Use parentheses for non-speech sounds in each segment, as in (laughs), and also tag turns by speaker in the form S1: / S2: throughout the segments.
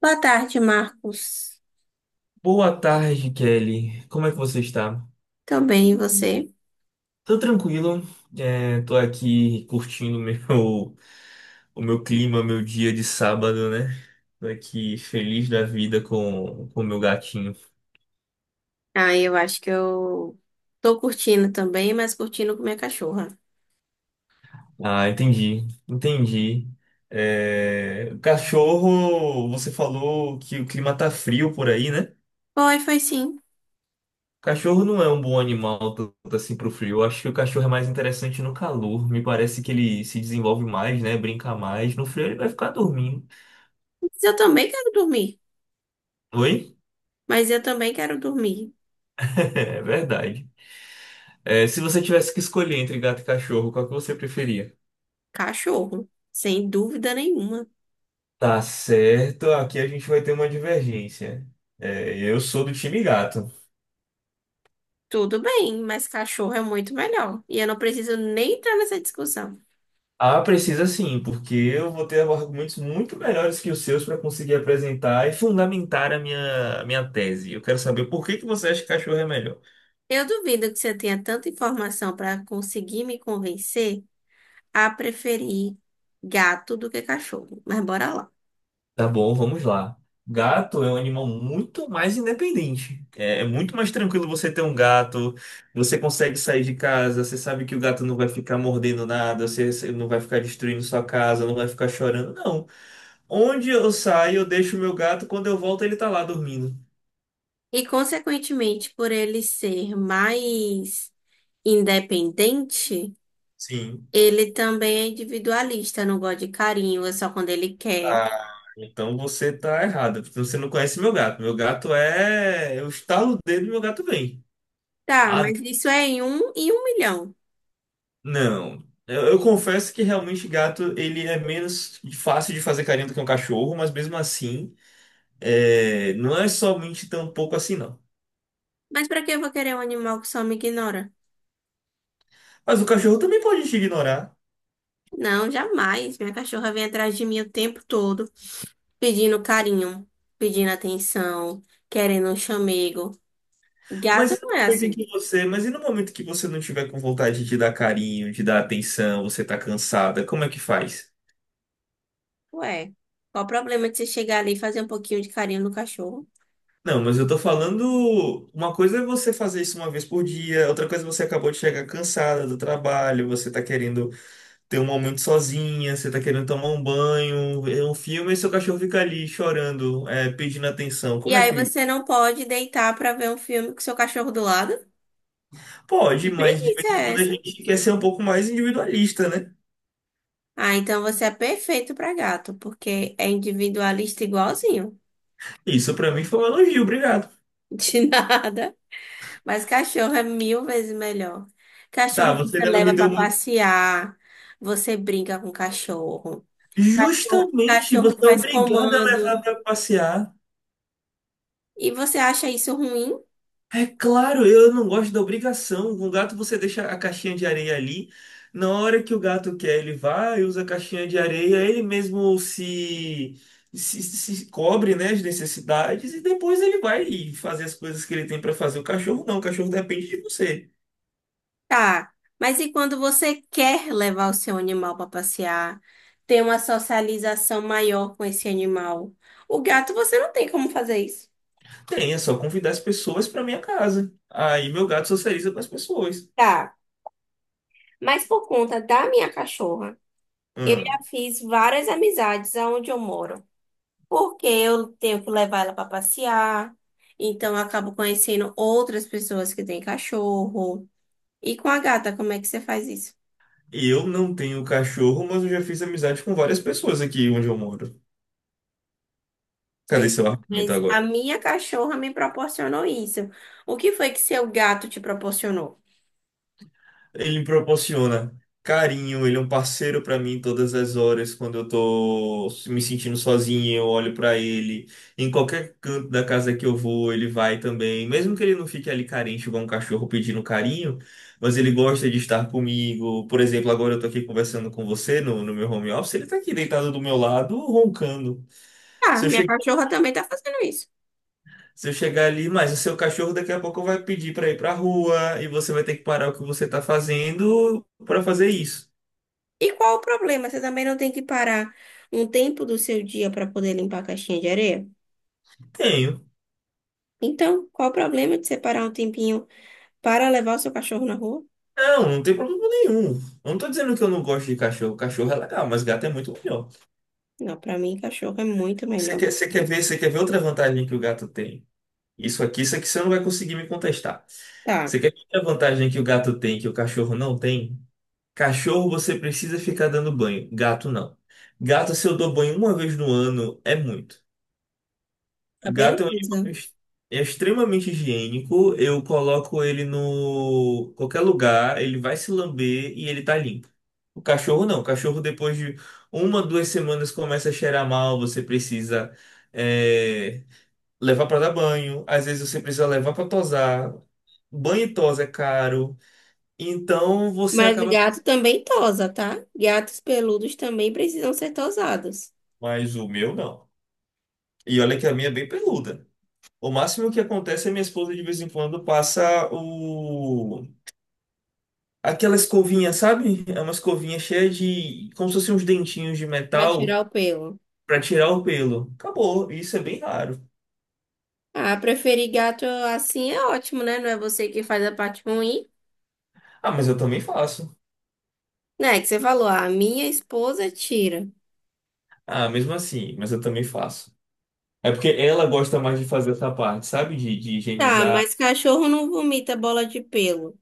S1: Boa tarde, Marcos.
S2: Boa tarde, Kelly. Como é que você está?
S1: Tô bem, e você?
S2: Tô tranquilo. É, tô aqui curtindo (laughs) meu, o meu clima, meu dia de sábado, né? Tô aqui feliz da vida com o meu gatinho.
S1: Ah, eu acho que eu tô curtindo também, mas curtindo com minha cachorra.
S2: Ah, entendi, entendi. É, o cachorro, você falou que o clima tá frio por aí, né?
S1: Foi, foi sim.
S2: Cachorro não é um bom animal tanto assim pro frio. Eu acho que o cachorro é mais interessante no calor. Me parece que ele se desenvolve mais, né? Brinca mais. No frio ele vai ficar dormindo.
S1: Mas eu também quero dormir.
S2: Oi? (laughs)
S1: Mas eu também quero dormir.
S2: É verdade. É, se você tivesse que escolher entre gato e cachorro, qual que você preferia?
S1: Cachorro, sem dúvida nenhuma.
S2: Tá certo, aqui a gente vai ter uma divergência. É, eu sou do time gato.
S1: Tudo bem, mas cachorro é muito melhor. E eu não preciso nem entrar nessa discussão.
S2: Ah, precisa sim, porque eu vou ter argumentos muito melhores que os seus para conseguir apresentar e fundamentar a minha tese. Eu quero saber por que que você acha que cachorro é melhor.
S1: Eu duvido que você tenha tanta informação para conseguir me convencer a preferir gato do que cachorro. Mas bora lá.
S2: Tá bom, vamos lá. Gato é um animal muito mais independente. É, muito mais tranquilo você ter um gato. Você consegue sair de casa, você sabe que o gato não vai ficar mordendo nada, você não vai ficar destruindo sua casa, não vai ficar chorando. Não. Onde eu saio, eu deixo o meu gato, quando eu volto, ele tá lá dormindo.
S1: E, consequentemente, por ele ser mais independente,
S2: Sim.
S1: ele também é individualista, não gosta de carinho, é só quando ele quer.
S2: Ah, então você tá errado. Porque você não conhece meu gato. Meu gato é. Eu estalo o dedo e meu gato vem.
S1: Tá,
S2: Ah,
S1: mas isso é em um milhão.
S2: não. Eu confesso que realmente gato ele é menos fácil de fazer carinho do que um cachorro, mas mesmo assim, é, não é somente tão pouco assim, não.
S1: Mas pra que eu vou querer um animal que só me ignora?
S2: Mas o cachorro também pode te ignorar.
S1: Não, jamais. Minha cachorra vem atrás de mim o tempo todo, pedindo carinho, pedindo atenção, querendo um chamego.
S2: Mas
S1: Gato
S2: e no
S1: não é
S2: momento em
S1: assim.
S2: que você, mas e no momento que você não tiver com vontade de dar carinho, de dar atenção, você tá cansada, como é que faz?
S1: Ué, qual o problema de você chegar ali e fazer um pouquinho de carinho no cachorro?
S2: Não, mas eu tô falando, uma coisa é você fazer isso uma vez por dia, outra coisa é você acabou de chegar cansada do trabalho, você tá querendo. Tem um momento sozinha, você tá querendo tomar um banho, ver um filme e seu cachorro fica ali chorando, é, pedindo atenção.
S1: E
S2: Como é
S1: aí
S2: que.
S1: você não pode deitar pra ver um filme com seu cachorro do lado?
S2: Pode,
S1: Que
S2: mas de
S1: preguiça
S2: vez em
S1: é
S2: quando a
S1: essa?
S2: gente quer ser um pouco mais individualista, né?
S1: Ah, então você é perfeito pra gato, porque é individualista igualzinho.
S2: Isso pra mim foi um elogio, obrigado.
S1: (laughs) De nada. Mas cachorro é mil vezes melhor.
S2: Tá,
S1: Cachorro
S2: você
S1: você
S2: ainda não me
S1: leva
S2: deu
S1: pra
S2: muito.
S1: passear, você brinca com o cachorro. O
S2: Justamente,
S1: cachorro
S2: você é
S1: faz
S2: obrigado a
S1: comando.
S2: levar pra passear.
S1: E você acha isso ruim?
S2: É claro, eu não gosto da obrigação. Com o gato você deixa a caixinha de areia ali. Na hora que o gato quer, ele vai, usa a caixinha de areia, ele mesmo se cobre, né, as necessidades e depois ele vai fazer as coisas que ele tem para fazer. O cachorro não, o cachorro depende de você.
S1: Tá, mas e quando você quer levar o seu animal para passear, ter uma socialização maior com esse animal? O gato, você não tem como fazer isso.
S2: Tem, é só convidar as pessoas para minha casa. Aí meu gato socializa com as pessoas.
S1: Tá, mas por conta da minha cachorra, eu
S2: Hum.
S1: já fiz várias amizades aonde eu moro, porque eu tenho que levar ela para passear, então eu acabo conhecendo outras pessoas que têm cachorro. E com a gata, como é que você faz isso?
S2: Eu não tenho cachorro, mas eu já fiz amizade com várias pessoas aqui onde eu moro.
S1: Pois
S2: Cadê
S1: é,
S2: seu argumento
S1: mas a
S2: agora?
S1: minha cachorra me proporcionou isso. O que foi que seu gato te proporcionou?
S2: Ele me proporciona carinho, ele é um parceiro pra mim todas as horas. Quando eu tô me sentindo sozinho, eu olho pra ele. Em qualquer canto da casa que eu vou, ele vai também. Mesmo que ele não fique ali carente, igual um cachorro pedindo carinho, mas ele gosta de estar comigo. Por exemplo, agora eu tô aqui conversando com você no meu home office, ele tá aqui deitado do meu lado, roncando.
S1: Ah,
S2: Se eu,
S1: minha
S2: che-
S1: cachorra também tá fazendo isso.
S2: Se eu chegar ali, mas o seu cachorro daqui a pouco vai pedir pra ir pra rua e você vai ter que parar o que você tá fazendo pra fazer isso.
S1: E qual o problema? Você também não tem que parar um tempo do seu dia para poder limpar a caixinha de areia?
S2: Tenho.
S1: Então, qual o problema de separar um tempinho para levar o seu cachorro na rua?
S2: Não, não tem problema nenhum. Eu não tô dizendo que eu não gosto de cachorro. Cachorro é legal, mas gato é muito melhor.
S1: Não, para mim, cachorro é muito melhor.
S2: Você quer ver outra vantagem que o gato tem? Isso aqui você não vai conseguir me contestar.
S1: Tá,
S2: Você quer ver outra vantagem que o gato tem que o cachorro não tem? Cachorro você precisa ficar dando banho, gato não. Gato, se eu dou banho uma vez no ano, é muito.
S1: tá,
S2: O gato é um animal
S1: beleza.
S2: é extremamente higiênico. Eu coloco ele no qualquer lugar, ele vai se lamber e ele tá limpo. O cachorro não. O cachorro, depois de uma, duas semanas, começa a cheirar mal. Você precisa, é, levar pra dar banho. Às vezes você precisa levar pra tosar. Banho e tosa é caro. Então você
S1: Mas
S2: acaba.
S1: gato também tosa, tá? Gatos peludos também precisam ser tosados
S2: Mas o meu não. E olha que a minha é bem peluda. O máximo que acontece é minha esposa de vez em quando passa o. Aquela escovinha, sabe? É uma escovinha cheia de, como se fossem uns dentinhos de
S1: para
S2: metal
S1: tirar o pelo.
S2: pra tirar o pelo. Acabou, isso é bem raro.
S1: Ah, preferir gato assim é ótimo, né? Não é você que faz a parte ruim,
S2: Ah, mas eu também faço.
S1: né? Que você falou, a minha esposa tira.
S2: Ah, mesmo assim, mas eu também faço. É porque ela gosta mais de fazer essa parte, sabe? De
S1: Tá,
S2: higienizar.
S1: mas cachorro não vomita bola de pelo.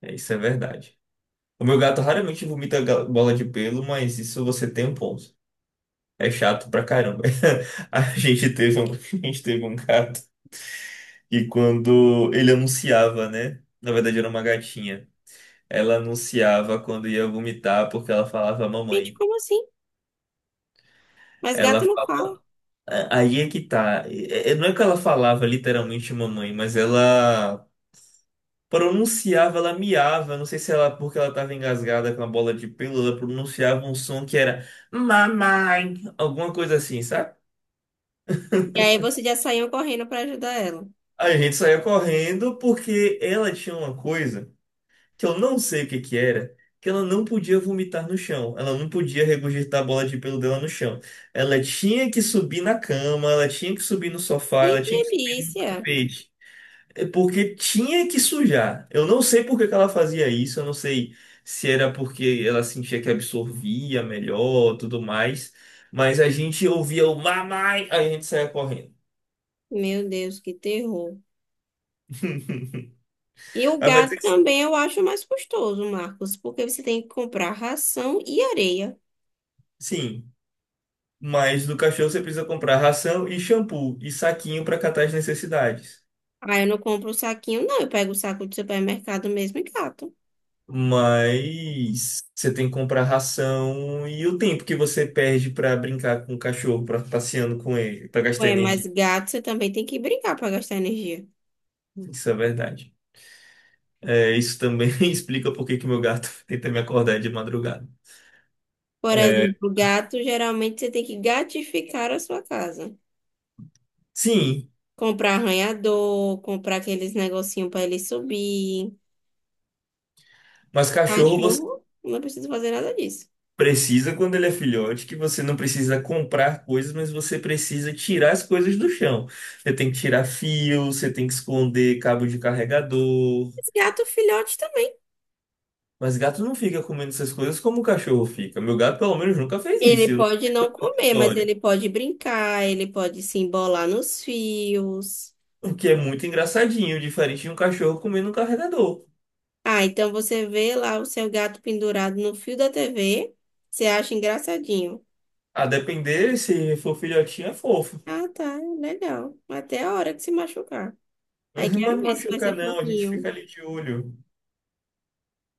S2: É, isso é verdade. O meu gato raramente vomita bola de pelo, mas isso você tem um ponto. É chato pra caramba. (laughs) A gente teve um, (laughs) A gente teve um gato e quando ele anunciava, né? Na verdade era uma gatinha. Ela anunciava quando ia vomitar porque ela falava
S1: Gente,
S2: mamãe.
S1: como assim? Mas gato
S2: Ela
S1: não
S2: fala...
S1: fala.
S2: Aí é que tá. Não é que ela falava literalmente mamãe, mas ela pronunciava, ela miava. Não sei se ela, porque ela tava engasgada com a bola de pelo, ela pronunciava um som que era mamãe, alguma coisa assim, sabe?
S1: E aí você já saiu correndo pra ajudar ela.
S2: Aí a gente saía correndo porque ela tinha uma coisa que eu não sei o que que era, que ela não podia vomitar no chão, ela não podia regurgitar a bola de pelo dela no chão. Ela tinha que subir na cama, ela tinha que subir no sofá,
S1: Que
S2: ela tinha que subir no
S1: delícia!
S2: tapete. É. Porque tinha que sujar. Eu não sei por que que ela fazia isso, eu não sei se era porque ela sentia que absorvia melhor, tudo mais. Mas a gente ouvia o mamãe, aí a gente saía correndo.
S1: Meu Deus, que terror.
S2: (laughs)
S1: E o
S2: Aí vai dizer,
S1: gato
S2: que
S1: também eu acho mais custoso, Marcos, porque você tem que comprar ração e areia.
S2: sim. Mas do cachorro você precisa comprar ração e shampoo e saquinho para catar as necessidades.
S1: Ah, eu não compro o saquinho, não. Eu pego o saco de supermercado mesmo e gato.
S2: Mas você tem que comprar ração e o tempo que você perde para brincar com o cachorro, para passeando com ele, para gastar
S1: Ué, mas
S2: energia.
S1: gato você também tem que brincar para gastar energia.
S2: Isso é verdade. É, isso também (laughs) explica por que que meu gato (laughs) tenta me acordar de madrugada.
S1: Por
S2: É,
S1: exemplo, gato, geralmente você tem que gatificar a sua casa.
S2: sim,
S1: Comprar arranhador, comprar aqueles negocinhos para ele subir.
S2: mas cachorro.
S1: Cachorro, não precisa fazer nada disso.
S2: Precisa quando ele é filhote, que você não precisa comprar coisas, mas você precisa tirar as coisas do chão. Você tem que tirar fio, você tem que esconder cabo de carregador.
S1: Mas gato filhote também.
S2: Mas gato não fica comendo essas coisas como o cachorro fica. Meu gato, pelo menos, nunca fez
S1: Ele
S2: isso. Eu não
S1: pode não comer, mas
S2: ignore.
S1: ele pode brincar, ele pode se embolar nos fios.
S2: O que é muito engraçadinho, diferente de um cachorro comendo um carregador.
S1: Ah, então você vê lá o seu gato pendurado no fio da TV, você acha engraçadinho.
S2: A depender, se for filhotinho, é fofo.
S1: Ah, tá, legal. Até a hora que se machucar.
S2: (laughs)
S1: Aí
S2: Mas não
S1: quero ver se vai
S2: machuca,
S1: ser
S2: não. A gente fica
S1: fofinho.
S2: ali de olho.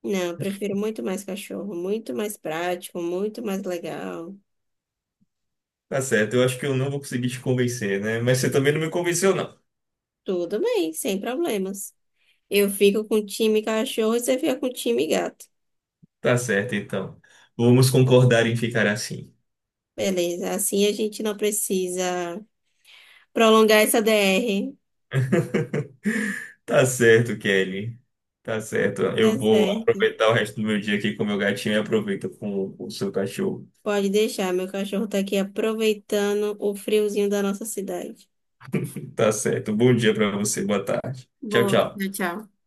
S1: Não, eu prefiro muito mais cachorro, muito mais prático, muito mais legal.
S2: Tá certo, eu acho que eu não vou conseguir te convencer, né? Mas você também não me convenceu, não.
S1: Tudo bem, sem problemas. Eu fico com o time cachorro e você fica com o time gato.
S2: Tá certo, então. Vamos concordar em ficar assim.
S1: Beleza, assim a gente não precisa prolongar essa DR.
S2: Tá certo, Kelly. Tá certo.
S1: Tá
S2: Eu vou
S1: certo.
S2: aproveitar o resto do meu dia aqui com o meu gatinho e aproveito com o seu cachorro.
S1: Pode deixar, meu cachorro tá aqui aproveitando o friozinho da nossa cidade.
S2: Tá certo. Bom dia pra você. Boa tarde. Tchau,
S1: Boa, tchau,
S2: tchau.
S1: tchau.